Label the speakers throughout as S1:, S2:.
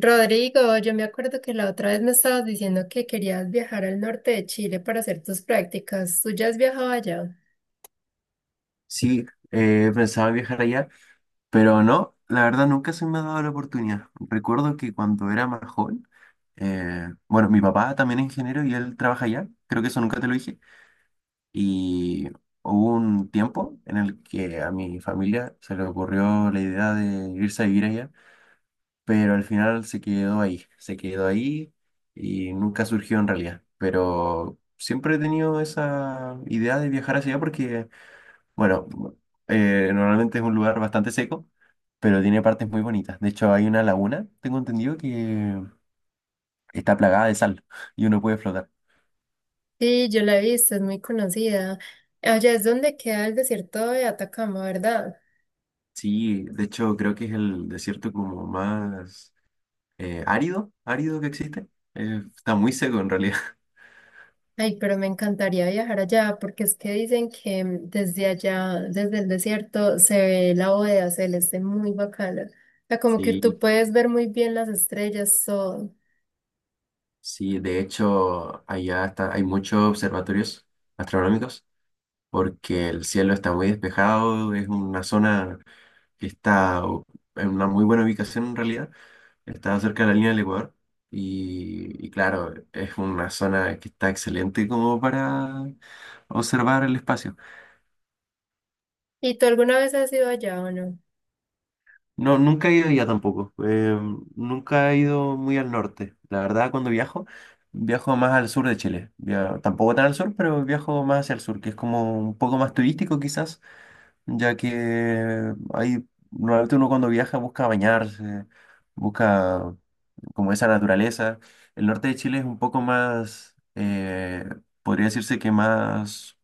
S1: Rodrigo, yo me acuerdo que la otra vez me estabas diciendo que querías viajar al norte de Chile para hacer tus prácticas. ¿Tú ya has viajado allá?
S2: Sí, pensaba viajar allá, pero no, la verdad nunca se me ha dado la oportunidad. Recuerdo que cuando era más joven, bueno, mi papá también es ingeniero y él trabaja allá, creo que eso nunca te lo dije, y hubo un tiempo en el que a mi familia se le ocurrió la idea de irse a vivir allá, pero al final se quedó ahí, y nunca surgió en realidad, pero siempre he tenido esa idea de viajar hacia allá porque... Bueno, normalmente es un lugar bastante seco, pero tiene partes muy bonitas. De hecho, hay una laguna, tengo entendido, que está plagada de sal y uno puede flotar.
S1: Sí, yo la he visto, es muy conocida. Allá es donde queda el desierto de Atacama, ¿verdad?
S2: Sí, de hecho creo que es el desierto como más árido, que existe. Está muy seco en realidad.
S1: Ay, pero me encantaría viajar allá porque es que dicen que desde allá, desde el desierto, se ve la bóveda celeste muy bacana. O sea, como que tú
S2: Sí,
S1: puedes ver muy bien las estrellas, todo.
S2: sí, de hecho allá hay muchos observatorios astronómicos porque el cielo está muy despejado, es una zona que está en una muy buena ubicación en realidad. Está cerca de la línea del Ecuador y claro, es una zona que está excelente como para observar el espacio.
S1: ¿Y tú alguna vez has ido allá o no?
S2: No, nunca he ido allá tampoco. Nunca he ido muy al norte. La verdad, cuando viajo, viajo más al sur de Chile. Tampoco tan al sur, pero viajo más hacia el sur, que es como un poco más turístico quizás, ya que ahí normalmente uno cuando viaja busca bañarse, busca como esa naturaleza. El norte de Chile es un poco más, podría decirse que más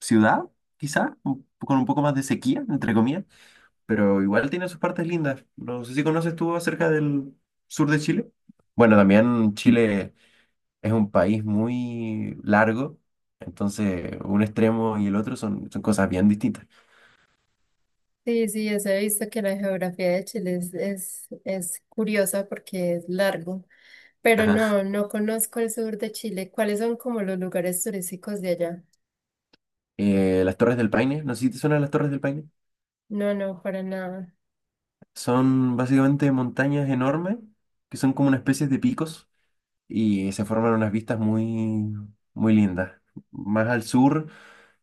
S2: ciudad, quizá, con un poco más de sequía, entre comillas, pero igual tiene sus partes lindas. No sé si conoces tú acerca del sur de Chile. Bueno, también Chile es un país muy largo, entonces un extremo y el otro son cosas bien distintas.
S1: Sí, sí, eso he visto que la geografía de Chile es curiosa porque es largo, pero
S2: Ajá.
S1: no, no conozco el sur de Chile. ¿Cuáles son como los lugares turísticos de allá?
S2: Las Torres del Paine, no sé si te suenan las Torres del Paine.
S1: No, no, para nada.
S2: Son básicamente montañas enormes que son como una especie de picos y se forman unas vistas muy, muy lindas. Más al sur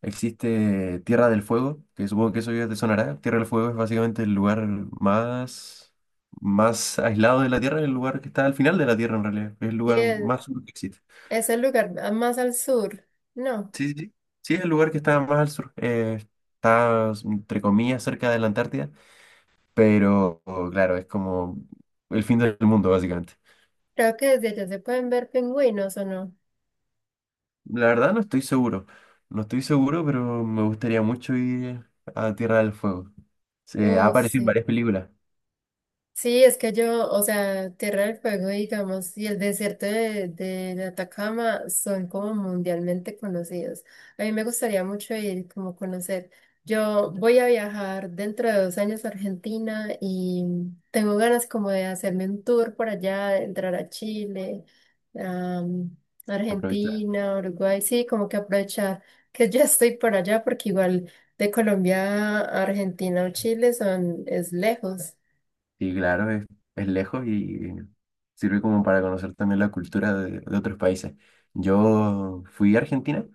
S2: existe Tierra del Fuego, que supongo que eso ya te sonará. Tierra del Fuego es básicamente el lugar más, más aislado de la Tierra, el lugar que está al final de la Tierra en realidad. Es el
S1: Sí,
S2: lugar más sur que existe.
S1: es el lugar más al sur. No,
S2: Sí, sí, sí. Sí, es el lugar que está más al sur. Está, entre comillas, cerca de la Antártida, pero claro, es como el fin del mundo básicamente.
S1: creo que desde allá se pueden ver pingüinos o no.
S2: La verdad no estoy seguro. No estoy seguro, pero me gustaría mucho ir a Tierra del Fuego. Se ha
S1: Uf,
S2: aparecido en
S1: sí.
S2: varias películas.
S1: Sí, es que yo, o sea, Tierra del Fuego, digamos, y el desierto de Atacama son como mundialmente conocidos. A mí me gustaría mucho ir como conocer. Yo voy a viajar dentro de dos años a Argentina y tengo ganas como de hacerme un tour por allá, de entrar a Chile, a
S2: Aprovechar.
S1: Argentina, Uruguay, sí, como que aprovechar que ya estoy por allá porque igual de Colombia a Argentina o Chile son, es lejos.
S2: Y claro, es lejos y sirve como para conocer también la cultura de otros países. Yo fui a Argentina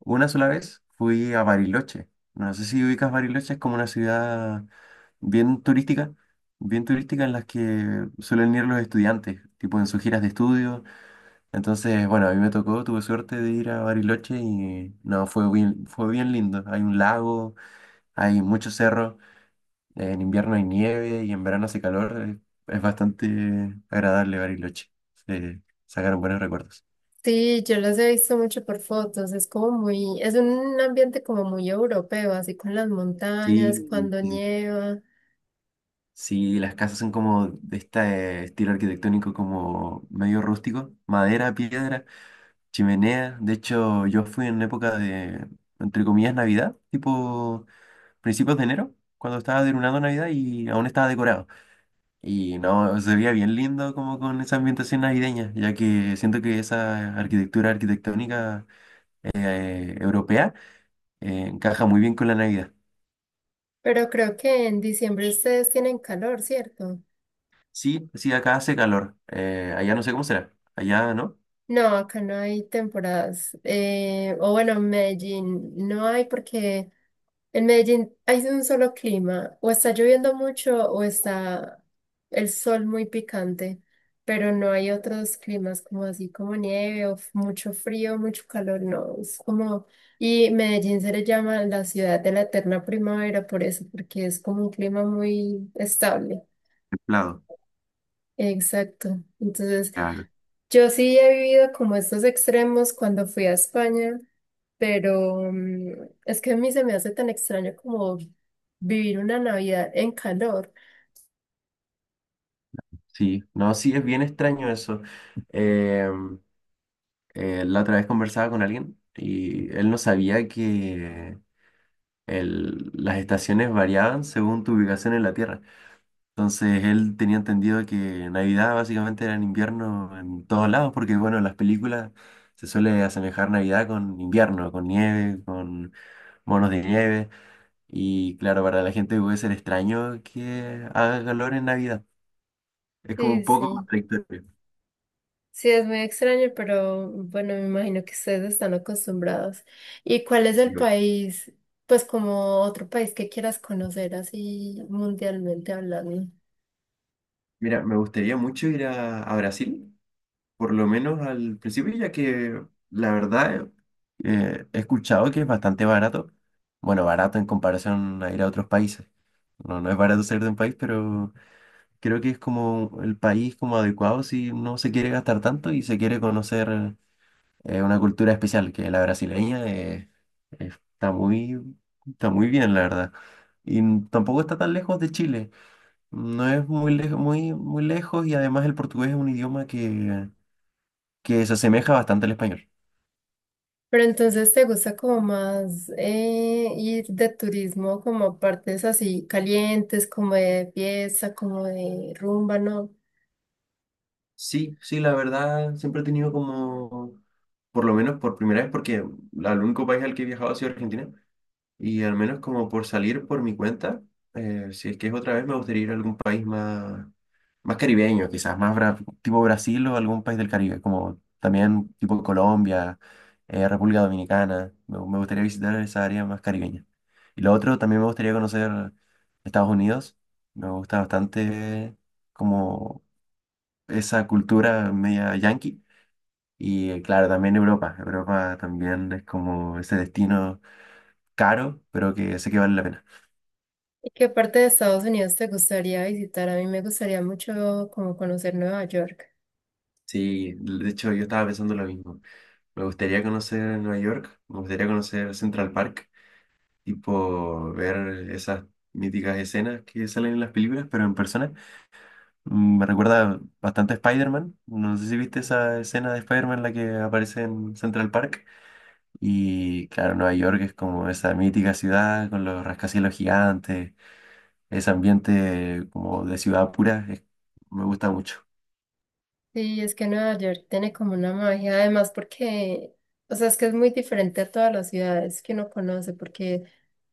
S2: una sola vez, fui a Bariloche. No sé si ubicas Bariloche, es como una ciudad bien turística, bien turística en las que suelen ir los estudiantes, tipo en sus giras de estudio. Entonces, bueno, a mí me tocó, tuve suerte de ir a Bariloche y no, fue bien lindo. Hay un lago, hay muchos cerros, en invierno hay nieve y en verano hace calor. Eh, es bastante agradable Bariloche. Se sacaron buenos recuerdos.
S1: Sí, yo los he visto mucho por fotos, es como muy, es un ambiente como muy europeo, así con las montañas,
S2: Sí,
S1: cuando
S2: sí,
S1: nieva,
S2: sí, las casas son como de este estilo arquitectónico como medio rústico, madera, piedra, chimenea. De hecho, yo fui en época de, entre comillas, Navidad, tipo principios de enero, cuando estaba terminando Navidad y aún estaba decorado. Y no, se veía bien lindo como con esa ambientación navideña, ya que siento que esa arquitectura arquitectónica europea encaja muy bien con la Navidad.
S1: pero creo que en diciembre ustedes tienen calor, ¿cierto?
S2: Sí, sí, acá hace calor. Allá no sé cómo será. Allá, ¿no?
S1: No, acá no hay temporadas, o bueno, en Medellín no hay porque en Medellín hay un solo clima, o está lloviendo mucho o está el sol muy picante, pero no hay otros climas como así, como nieve o mucho frío, mucho calor, no, es como, y Medellín se le llama la ciudad de la eterna primavera por eso, porque es como un clima muy estable.
S2: Templado.
S1: Exacto. Entonces,
S2: Claro.
S1: yo sí he vivido como estos extremos cuando fui a España. Pero es que a mí se me hace tan extraño como vivir una Navidad en calor.
S2: Sí, no, sí, es bien extraño eso. Eh, la otra vez conversaba con alguien y él no sabía que las estaciones variaban según tu ubicación en la Tierra. Entonces él tenía entendido que Navidad básicamente era en invierno en todos lados, porque bueno, en las películas se suele asemejar Navidad con invierno, con nieve, con monos de nieve. Y claro, para la gente puede ser extraño que haga calor en Navidad. Es como un
S1: Sí,
S2: poco
S1: sí.
S2: contradictorio.
S1: Sí, es muy extraño, pero bueno, me imagino que ustedes están acostumbrados. ¿Y cuál es el
S2: Sí, güey.
S1: país, pues como otro país que quieras conocer así mundialmente hablando?
S2: Mira, me gustaría mucho ir a Brasil, por lo menos al principio, ya que la verdad he escuchado que es bastante barato. Bueno, barato en comparación a ir a otros países. No es barato ser de un país, pero creo que es como el país como adecuado si no se quiere gastar tanto y se quiere conocer una cultura especial, que la brasileña está muy, está muy bien, la verdad. Y tampoco está tan lejos de Chile. No es muy lejos, muy lejos y además el portugués es un idioma que se asemeja bastante al español.
S1: Pero entonces te gusta como más ir de turismo como a partes así calientes, como de fiesta, como de rumba, ¿no?
S2: Sí, sí, la verdad, siempre he tenido como, por lo menos por primera vez, porque el único país al que he viajado ha sido Argentina, y al menos como por salir por mi cuenta, si es que es otra vez, me gustaría ir a algún país más, más caribeño, quizás tipo Brasil o algún país del Caribe, como también tipo Colombia, República Dominicana, me gustaría visitar esa área más caribeña. Y lo otro, también me gustaría conocer Estados Unidos, me gusta bastante como esa cultura media yankee. Y claro, también Europa. Europa también es como ese destino caro, pero que sé que vale la pena.
S1: ¿Y qué parte de Estados Unidos te gustaría visitar? A mí me gustaría mucho como conocer Nueva York.
S2: Sí, de hecho yo estaba pensando lo mismo. Me gustaría conocer Nueva York, me gustaría conocer Central Park, tipo ver esas míticas escenas que salen en las películas, pero en persona. Me recuerda bastante a Spider-Man. No sé si viste esa escena de Spider-Man en la que aparece en Central Park. Y claro, Nueva York es como esa mítica ciudad con los rascacielos gigantes, ese ambiente como de ciudad pura, me gusta mucho.
S1: Sí, es que Nueva York tiene como una magia, además porque, o sea, es que es muy diferente a todas las ciudades que uno conoce, porque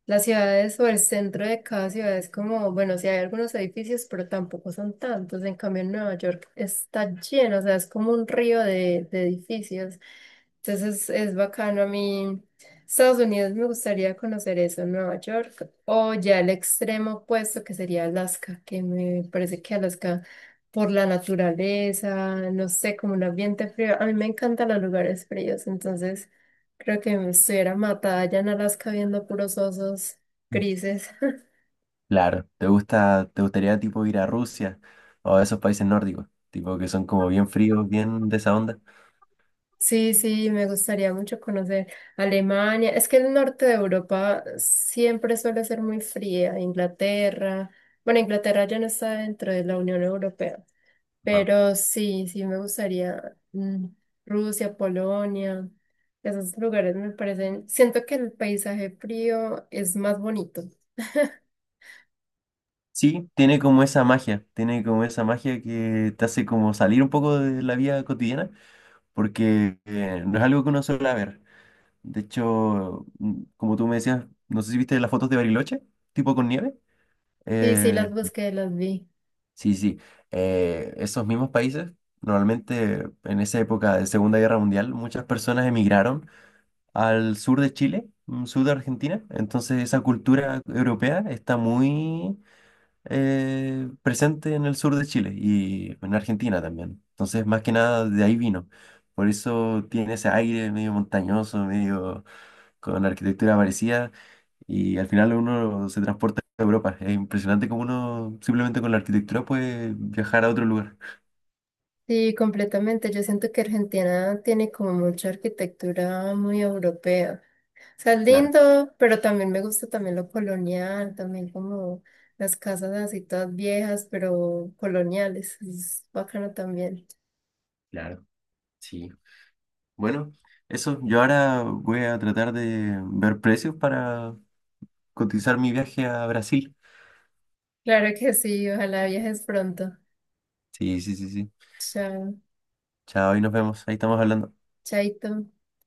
S1: las ciudades o el centro de cada ciudad es como, bueno, sí hay algunos edificios, pero tampoco son tantos. En cambio, en Nueva York está lleno, o sea, es como un río de edificios. Entonces es bacano a mí. Estados Unidos me gustaría conocer eso, Nueva York, o ya el extremo opuesto que sería Alaska, que me parece que Alaska por la naturaleza, no sé, como un ambiente frío. A mí me encantan los lugares fríos, entonces creo que me estuviera matada allá en Alaska viendo puros osos grises.
S2: Claro, ¿te gusta, te gustaría tipo ir a Rusia o a esos países nórdicos, tipo que son como bien fríos, bien de esa onda?
S1: Sí, sí, me gustaría mucho conocer Alemania. Es que el norte de Europa siempre suele ser muy fría. Inglaterra. Bueno, Inglaterra ya no está dentro de la Unión Europea,
S2: Ajá.
S1: pero sí, sí me gustaría Rusia, Polonia. Esos lugares me parecen, siento que el paisaje frío es más bonito.
S2: Sí, tiene como esa magia, tiene como esa magia que te hace como salir un poco de la vida cotidiana, porque no es algo que uno suele ver. De hecho, como tú me decías, no sé si viste las fotos de Bariloche, tipo con nieve.
S1: Sí, sí,
S2: Eh,
S1: las busqué, las vi.
S2: sí, sí. Esos mismos países, normalmente en esa época de Segunda Guerra Mundial, muchas personas emigraron al sur de Chile, sur de Argentina. Entonces esa cultura europea está muy presente en el sur de Chile y en Argentina también. Entonces, más que nada de ahí vino. Por eso tiene ese aire medio montañoso, medio con arquitectura parecida y al final uno se transporta a Europa. Es impresionante cómo uno simplemente con la arquitectura puede viajar a otro lugar.
S1: Sí, completamente. Yo siento que Argentina tiene como mucha arquitectura muy europea. Sea, es
S2: Claro,
S1: lindo, pero también me gusta también lo colonial, también como las casas así todas viejas, pero coloniales. Es bacano también.
S2: claro, sí. Bueno, eso, yo ahora voy a tratar de ver precios para cotizar mi viaje a Brasil.
S1: Claro que sí, ojalá viajes pronto.
S2: Sí, sí, sí, sí.
S1: Chao,
S2: Chao, ahí nos vemos, ahí estamos hablando.
S1: chaito.